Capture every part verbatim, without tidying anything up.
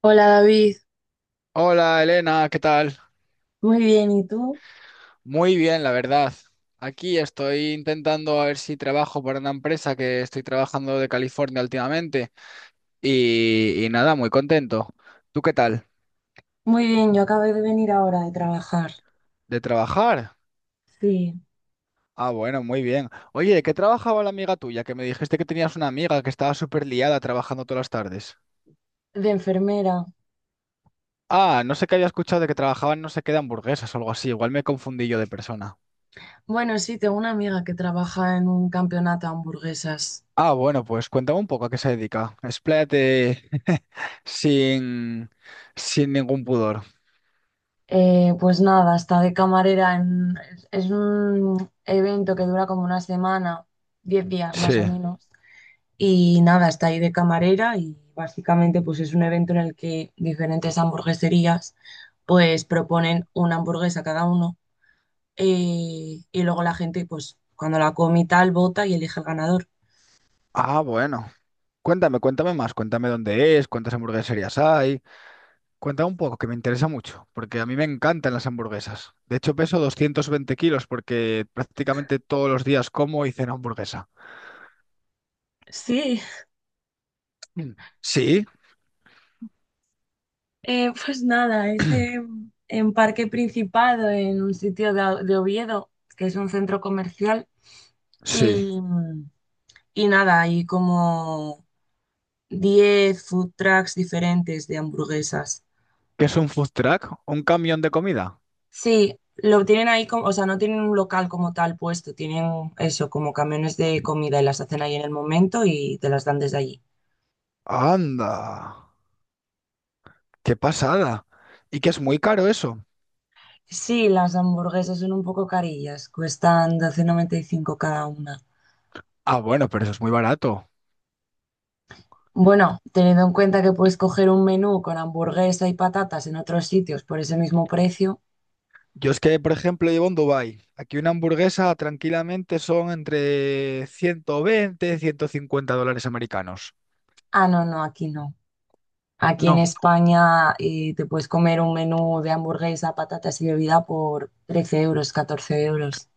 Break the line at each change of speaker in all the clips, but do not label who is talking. Hola David.
Hola Elena, ¿qué tal?
Muy bien, ¿y tú?
Muy bien, la verdad. Aquí estoy intentando a ver si trabajo para una empresa que estoy trabajando de California últimamente y, y nada, muy contento. ¿Tú qué tal?
Muy bien, yo acabé de venir ahora de trabajar.
¿De trabajar?
Sí.
Ah, bueno, muy bien. Oye, ¿de qué trabajaba la amiga tuya? Que me dijiste que tenías una amiga que estaba súper liada trabajando todas las tardes.
De enfermera.
Ah, no sé qué había escuchado de que trabajaban no sé qué de hamburguesas o algo así. Igual me confundí yo de persona.
Bueno, sí, tengo una amiga que trabaja en un campeonato de hamburguesas.
Ah, bueno, pues cuéntame un poco a qué se dedica. Expláyate sin, sin ningún pudor.
Eh, pues nada, está de camarera en... Es un evento que dura como una semana, diez días más o
Sí.
menos. Y nada, está ahí de camarera y básicamente pues es un evento en el que diferentes hamburgueserías pues proponen una hamburguesa cada uno. Eh, y luego la gente, pues cuando la come y tal, vota y elige el ganador.
Ah, bueno. Cuéntame, cuéntame más. Cuéntame dónde es, cuántas hamburgueserías hay. Cuéntame un poco, que me interesa mucho, porque a mí me encantan las hamburguesas. De hecho, peso doscientos veinte kilos porque prácticamente todos los días como y ceno hamburguesa.
Sí,
Mm. Sí,
eh, pues nada, es en, en Parque Principado, en un sitio de, de Oviedo, que es un centro comercial,
sí.
y, y nada, hay como diez food trucks diferentes de hamburguesas.
¿Qué es un food truck? ¿Un camión de comida?
Sí, lo tienen ahí como, o sea, no tienen un local como tal puesto, tienen eso, como camiones de comida y las hacen ahí en el momento y te las dan desde allí.
Anda, qué pasada. ¿Y que es muy caro eso?
Sí, las hamburguesas son un poco carillas, cuestan doce noventa y cinco cada una.
Ah, bueno, pero eso es muy barato.
Bueno, teniendo en cuenta que puedes coger un menú con hamburguesa y patatas en otros sitios por ese mismo precio.
Yo es que, por ejemplo, llevo en Dubái. Aquí una hamburguesa tranquilamente son entre ciento veinte y ciento cincuenta dólares americanos.
Ah, no, no, aquí no. Aquí en
No.
España eh, te puedes comer un menú de hamburguesa, patatas y bebida por trece euros, catorce euros.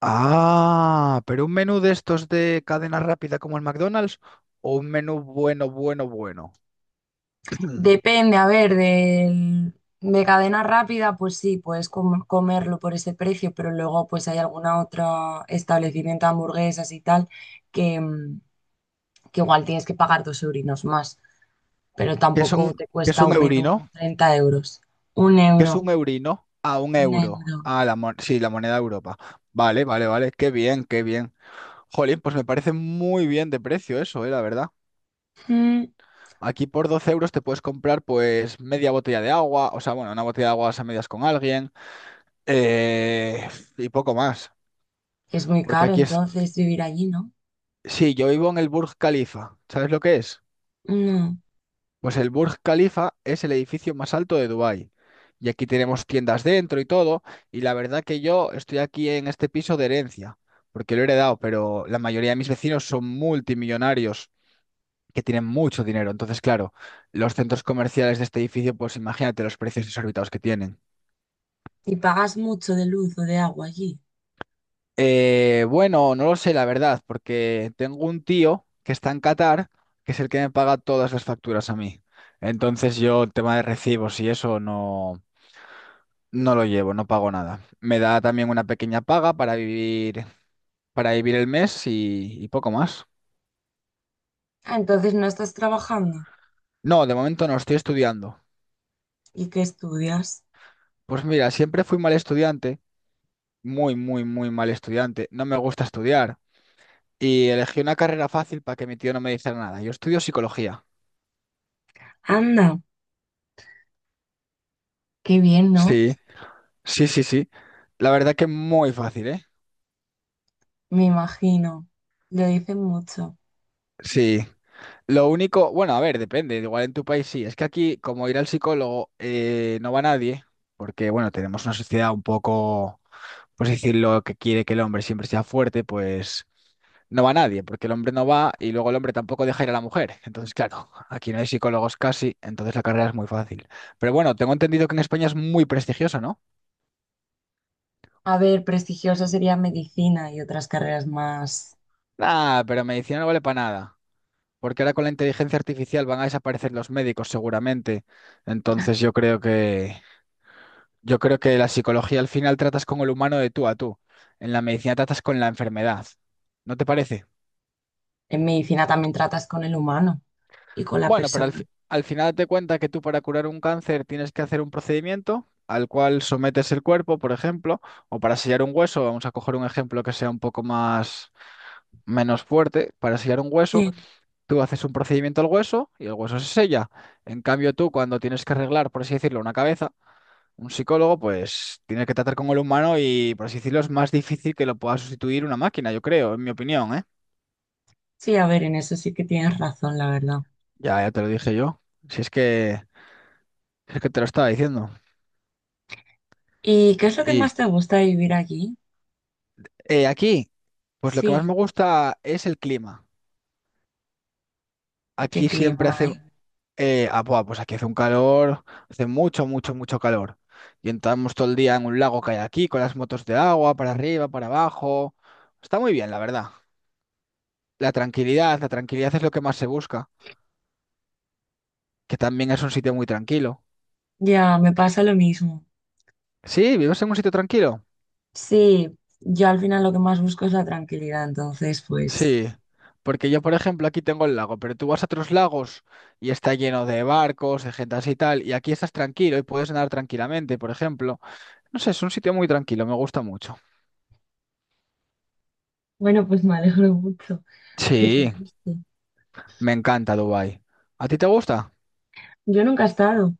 Ah, pero un menú de estos de cadena rápida como el McDonald's o un menú bueno, bueno, bueno.
Depende, a ver, del- de, cadena rápida, pues sí, puedes com- comerlo por ese precio, pero luego pues hay alguna otra establecimiento de hamburguesas y tal que, mm, que igual tienes que pagar dos eurinos más, pero
¿Qué es
tampoco
un,
te
qué es
cuesta
un
un
eurino?
menú treinta euros. Un
¿Qué es
euro,
un eurino? A un
un
euro.
euro.
Ah, la mon- sí, la moneda de Europa. Vale, vale, vale. Qué bien, qué bien. Jolín, pues me parece muy bien de precio eso, eh, la verdad.
Mm,
Aquí por doce euros te puedes comprar pues media botella de agua, o sea, bueno, una botella de agua a medias con alguien eh, y poco más.
Es muy
Porque
caro
aquí es,
entonces vivir allí, ¿no?
sí, yo vivo en el Burj Khalifa, ¿sabes lo que es?
No.
Pues el Burj Khalifa es el edificio más alto de Dubái. Y aquí tenemos tiendas dentro y todo. Y la verdad que yo estoy aquí en este piso de herencia, porque lo he heredado, pero la mayoría de mis vecinos son multimillonarios que tienen mucho dinero. Entonces, claro, los centros comerciales de este edificio, pues imagínate los precios exorbitados que tienen.
¿Y pagas mucho de luz o de agua allí?
Eh, bueno, no lo sé, la verdad, porque tengo un tío que está en Qatar, que es el que me paga todas las facturas a mí. Entonces yo el tema de recibos y eso no, no lo llevo, no pago nada. Me da también una pequeña paga para vivir, para vivir el mes y, y poco más.
Ah, entonces no estás trabajando.
No, de momento no, estoy estudiando.
¿Y qué estudias?
Pues mira, siempre fui mal estudiante, muy, muy, muy mal estudiante. No me gusta estudiar. Y elegí una carrera fácil para que mi tío no me dijera nada. Yo estudio psicología.
Anda, qué bien, ¿no?
Sí. Sí, sí, sí. La verdad que es muy fácil, ¿eh?
Me imagino, lo dicen mucho.
Sí. Lo único, bueno, a ver, depende. Igual en tu país sí. Es que aquí, como ir al psicólogo, eh, no va nadie, porque, bueno, tenemos una sociedad un poco, pues decirlo, que quiere que el hombre siempre sea fuerte, pues no va nadie, porque el hombre no va y luego el hombre tampoco deja ir a la mujer. Entonces, claro, aquí no hay psicólogos casi, entonces la carrera es muy fácil. Pero bueno, tengo entendido que en España es muy prestigiosa, ¿no?
A ver, prestigioso sería medicina y otras carreras más.
Ah, pero medicina no vale para nada. Porque ahora con la inteligencia artificial van a desaparecer los médicos seguramente. Entonces yo creo que yo creo que la psicología al final tratas con el humano de tú a tú. En la medicina tratas con la enfermedad. ¿No te parece?
En medicina también tratas con el humano y con la
Bueno, pero al,
persona.
fi- al final te cuenta que tú para curar un cáncer tienes que hacer un procedimiento al cual sometes el cuerpo, por ejemplo, o para sellar un hueso, vamos a coger un ejemplo que sea un poco más menos fuerte, para sellar un hueso.
Sí,
Tú haces un procedimiento al hueso y el hueso se sella. En cambio, tú cuando tienes que arreglar, por así decirlo, una cabeza, un psicólogo, pues tiene que tratar con el humano y, por así decirlo, es más difícil que lo pueda sustituir una máquina, yo creo, en mi opinión, ¿eh?
sí, a ver, en eso sí que tienes razón, la verdad.
Ya, ya te lo dije yo. Si es que, si es que te lo estaba diciendo.
¿Y qué es lo que
Y
más te gusta de vivir allí?
eh, aquí, pues lo que más
Sí,
me gusta es el clima.
¿qué
Aquí
clima
siempre hace.
hay?
Eh, ah, buah, pues aquí hace un calor, hace mucho, mucho, mucho calor. Y entramos todo el día en un lago que hay aquí, con las motos de agua, para arriba, para abajo. Está muy bien, la verdad. La tranquilidad, la tranquilidad es lo que más se busca, que también es un sitio muy tranquilo.
Ya, me pasa lo mismo.
Sí, ¿vives en un sitio tranquilo?
Sí, yo al final lo que más busco es la tranquilidad, entonces pues...
Sí, porque yo, por ejemplo, aquí tengo el lago, pero tú vas a otros lagos y está lleno de barcos, de gente así y tal, y aquí estás tranquilo y puedes nadar tranquilamente, por ejemplo. No sé, es un sitio muy tranquilo, me gusta mucho.
Bueno, pues me alegro mucho que te
Sí.
guste.
Me encanta Dubái. ¿A ti te gusta?
Yo nunca he estado,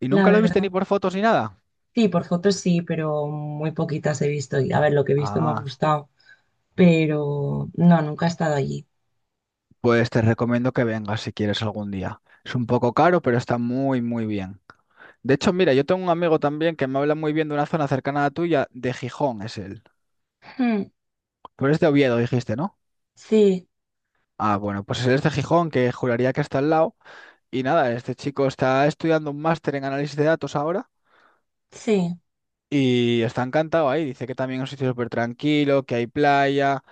¿Y
la
nunca lo viste ni
verdad.
por fotos ni nada?
Sí, por fotos sí, pero muy poquitas he visto. Y a ver, lo que he visto me ha
Ah,
gustado, pero no, nunca he estado allí.
pues te recomiendo que vengas si quieres algún día. Es un poco caro, pero está muy, muy bien. De hecho, mira, yo tengo un amigo también que me habla muy bien de una zona cercana a la tuya, de Gijón es él.
Hmm.
Pero es de Oviedo, dijiste, ¿no?
Sí,
Ah, bueno, pues él es de Gijón, que juraría que está al lado. Y nada, este chico está estudiando un máster en análisis de datos ahora
sí.
y está encantado ahí. Dice que también es un sitio súper tranquilo, que hay playa,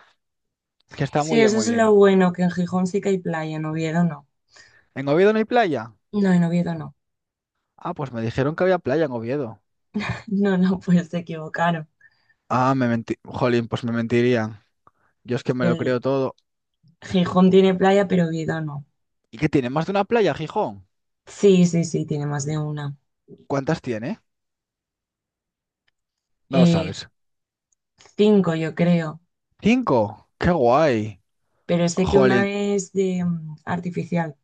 que está
Sí,
muy bien,
eso
muy
es lo
bien.
bueno, que en Gijón sí que hay playa, en Oviedo no.
¿En Oviedo no hay playa?
No, en Oviedo no.
Ah, pues me dijeron que había playa en Oviedo.
No, no, pues se equivocaron.
Ah, me mentí. Jolín, pues me mentirían. Yo es que me lo
El
creo todo.
Gijón tiene playa, pero Oviedo no.
¿Y qué tiene? ¿Más de una playa, Gijón?
Sí, sí, sí, tiene más de una.
¿Cuántas tiene? No lo
Eh,
sabes.
Cinco, yo creo.
¿Cinco? ¡Qué guay!
Pero sé que una
Jolín,
es de mm, artificial,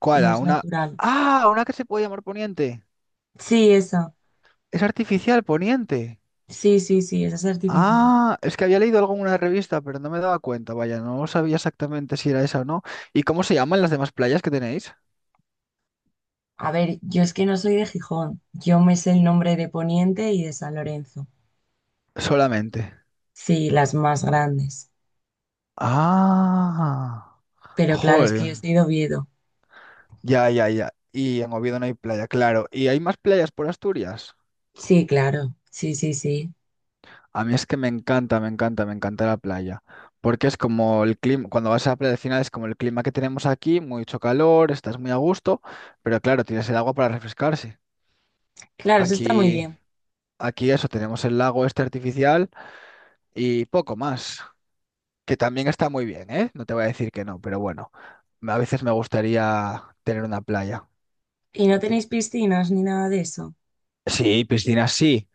¿cuál?
no
A
es
una.
natural.
¡Ah! Una que se puede llamar Poniente.
Sí, esa.
Es artificial, Poniente.
Sí, sí, sí, esa es artificial.
Ah, es que había leído algo en una revista, pero no me daba cuenta. Vaya, no sabía exactamente si era esa o no. ¿Y cómo se llaman las demás playas que tenéis?
A ver, yo es que no soy de Gijón. Yo me sé el nombre de Poniente y de San Lorenzo.
Solamente.
Sí, las más grandes.
Ah,
Pero claro, es que
joder.
yo soy de Oviedo.
Ya, ya, ya. Y en Oviedo no hay playa, claro. ¿Y hay más playas por Asturias?
Sí, claro. Sí, sí, sí.
A mí es que me encanta, me encanta, me encanta la playa. Porque es como el clima, cuando vas a la playa al final es como el clima que tenemos aquí, mucho calor, estás muy a gusto, pero claro, tienes el agua para refrescarse.
Claro, eso está muy
Aquí,
bien.
aquí eso, tenemos el lago este artificial y poco más, que también está muy bien, ¿eh? No te voy a decir que no, pero bueno, a veces me gustaría tener una playa.
¿Y no tenéis piscinas ni nada de eso?
Sí, piscina sí.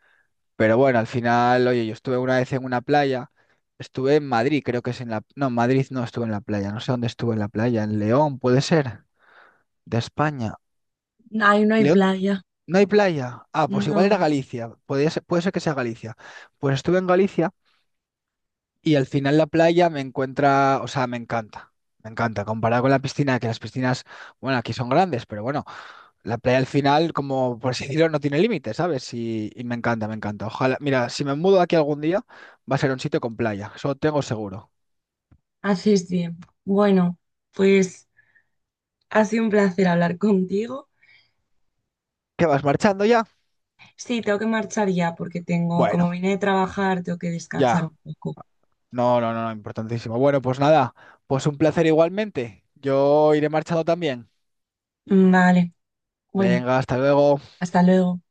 Pero bueno, al final, oye, yo estuve una vez en una playa, estuve en Madrid, creo que es en la... No, en Madrid no estuve en la playa, no sé dónde estuve en la playa, en León, puede ser, de España.
Ahí no hay
León,
playa.
no hay playa. Ah, pues igual era
No,
Galicia, podía ser- puede ser que sea Galicia. Pues estuve en Galicia. Y al final la playa me encuentra, o sea, me encanta, me encanta, comparado con la piscina, que las piscinas, bueno, aquí son grandes, pero bueno, la playa al final, como por así decirlo, no tiene límites, ¿sabes? Y, y me encanta, me encanta. Ojalá, mira, si me mudo aquí algún día, va a ser un sitio con playa, eso tengo seguro.
haces bien. Bueno, pues ha sido un placer hablar contigo.
¿Qué vas marchando ya?
Sí, tengo que marchar ya porque tengo, como
Bueno,
vine de trabajar, tengo que descansar
ya.
un poco.
No, no, no, no, importantísimo. Bueno, pues nada, pues un placer igualmente. Yo iré marchando también.
Mm, Vale, bueno,
Venga, hasta luego.
hasta luego.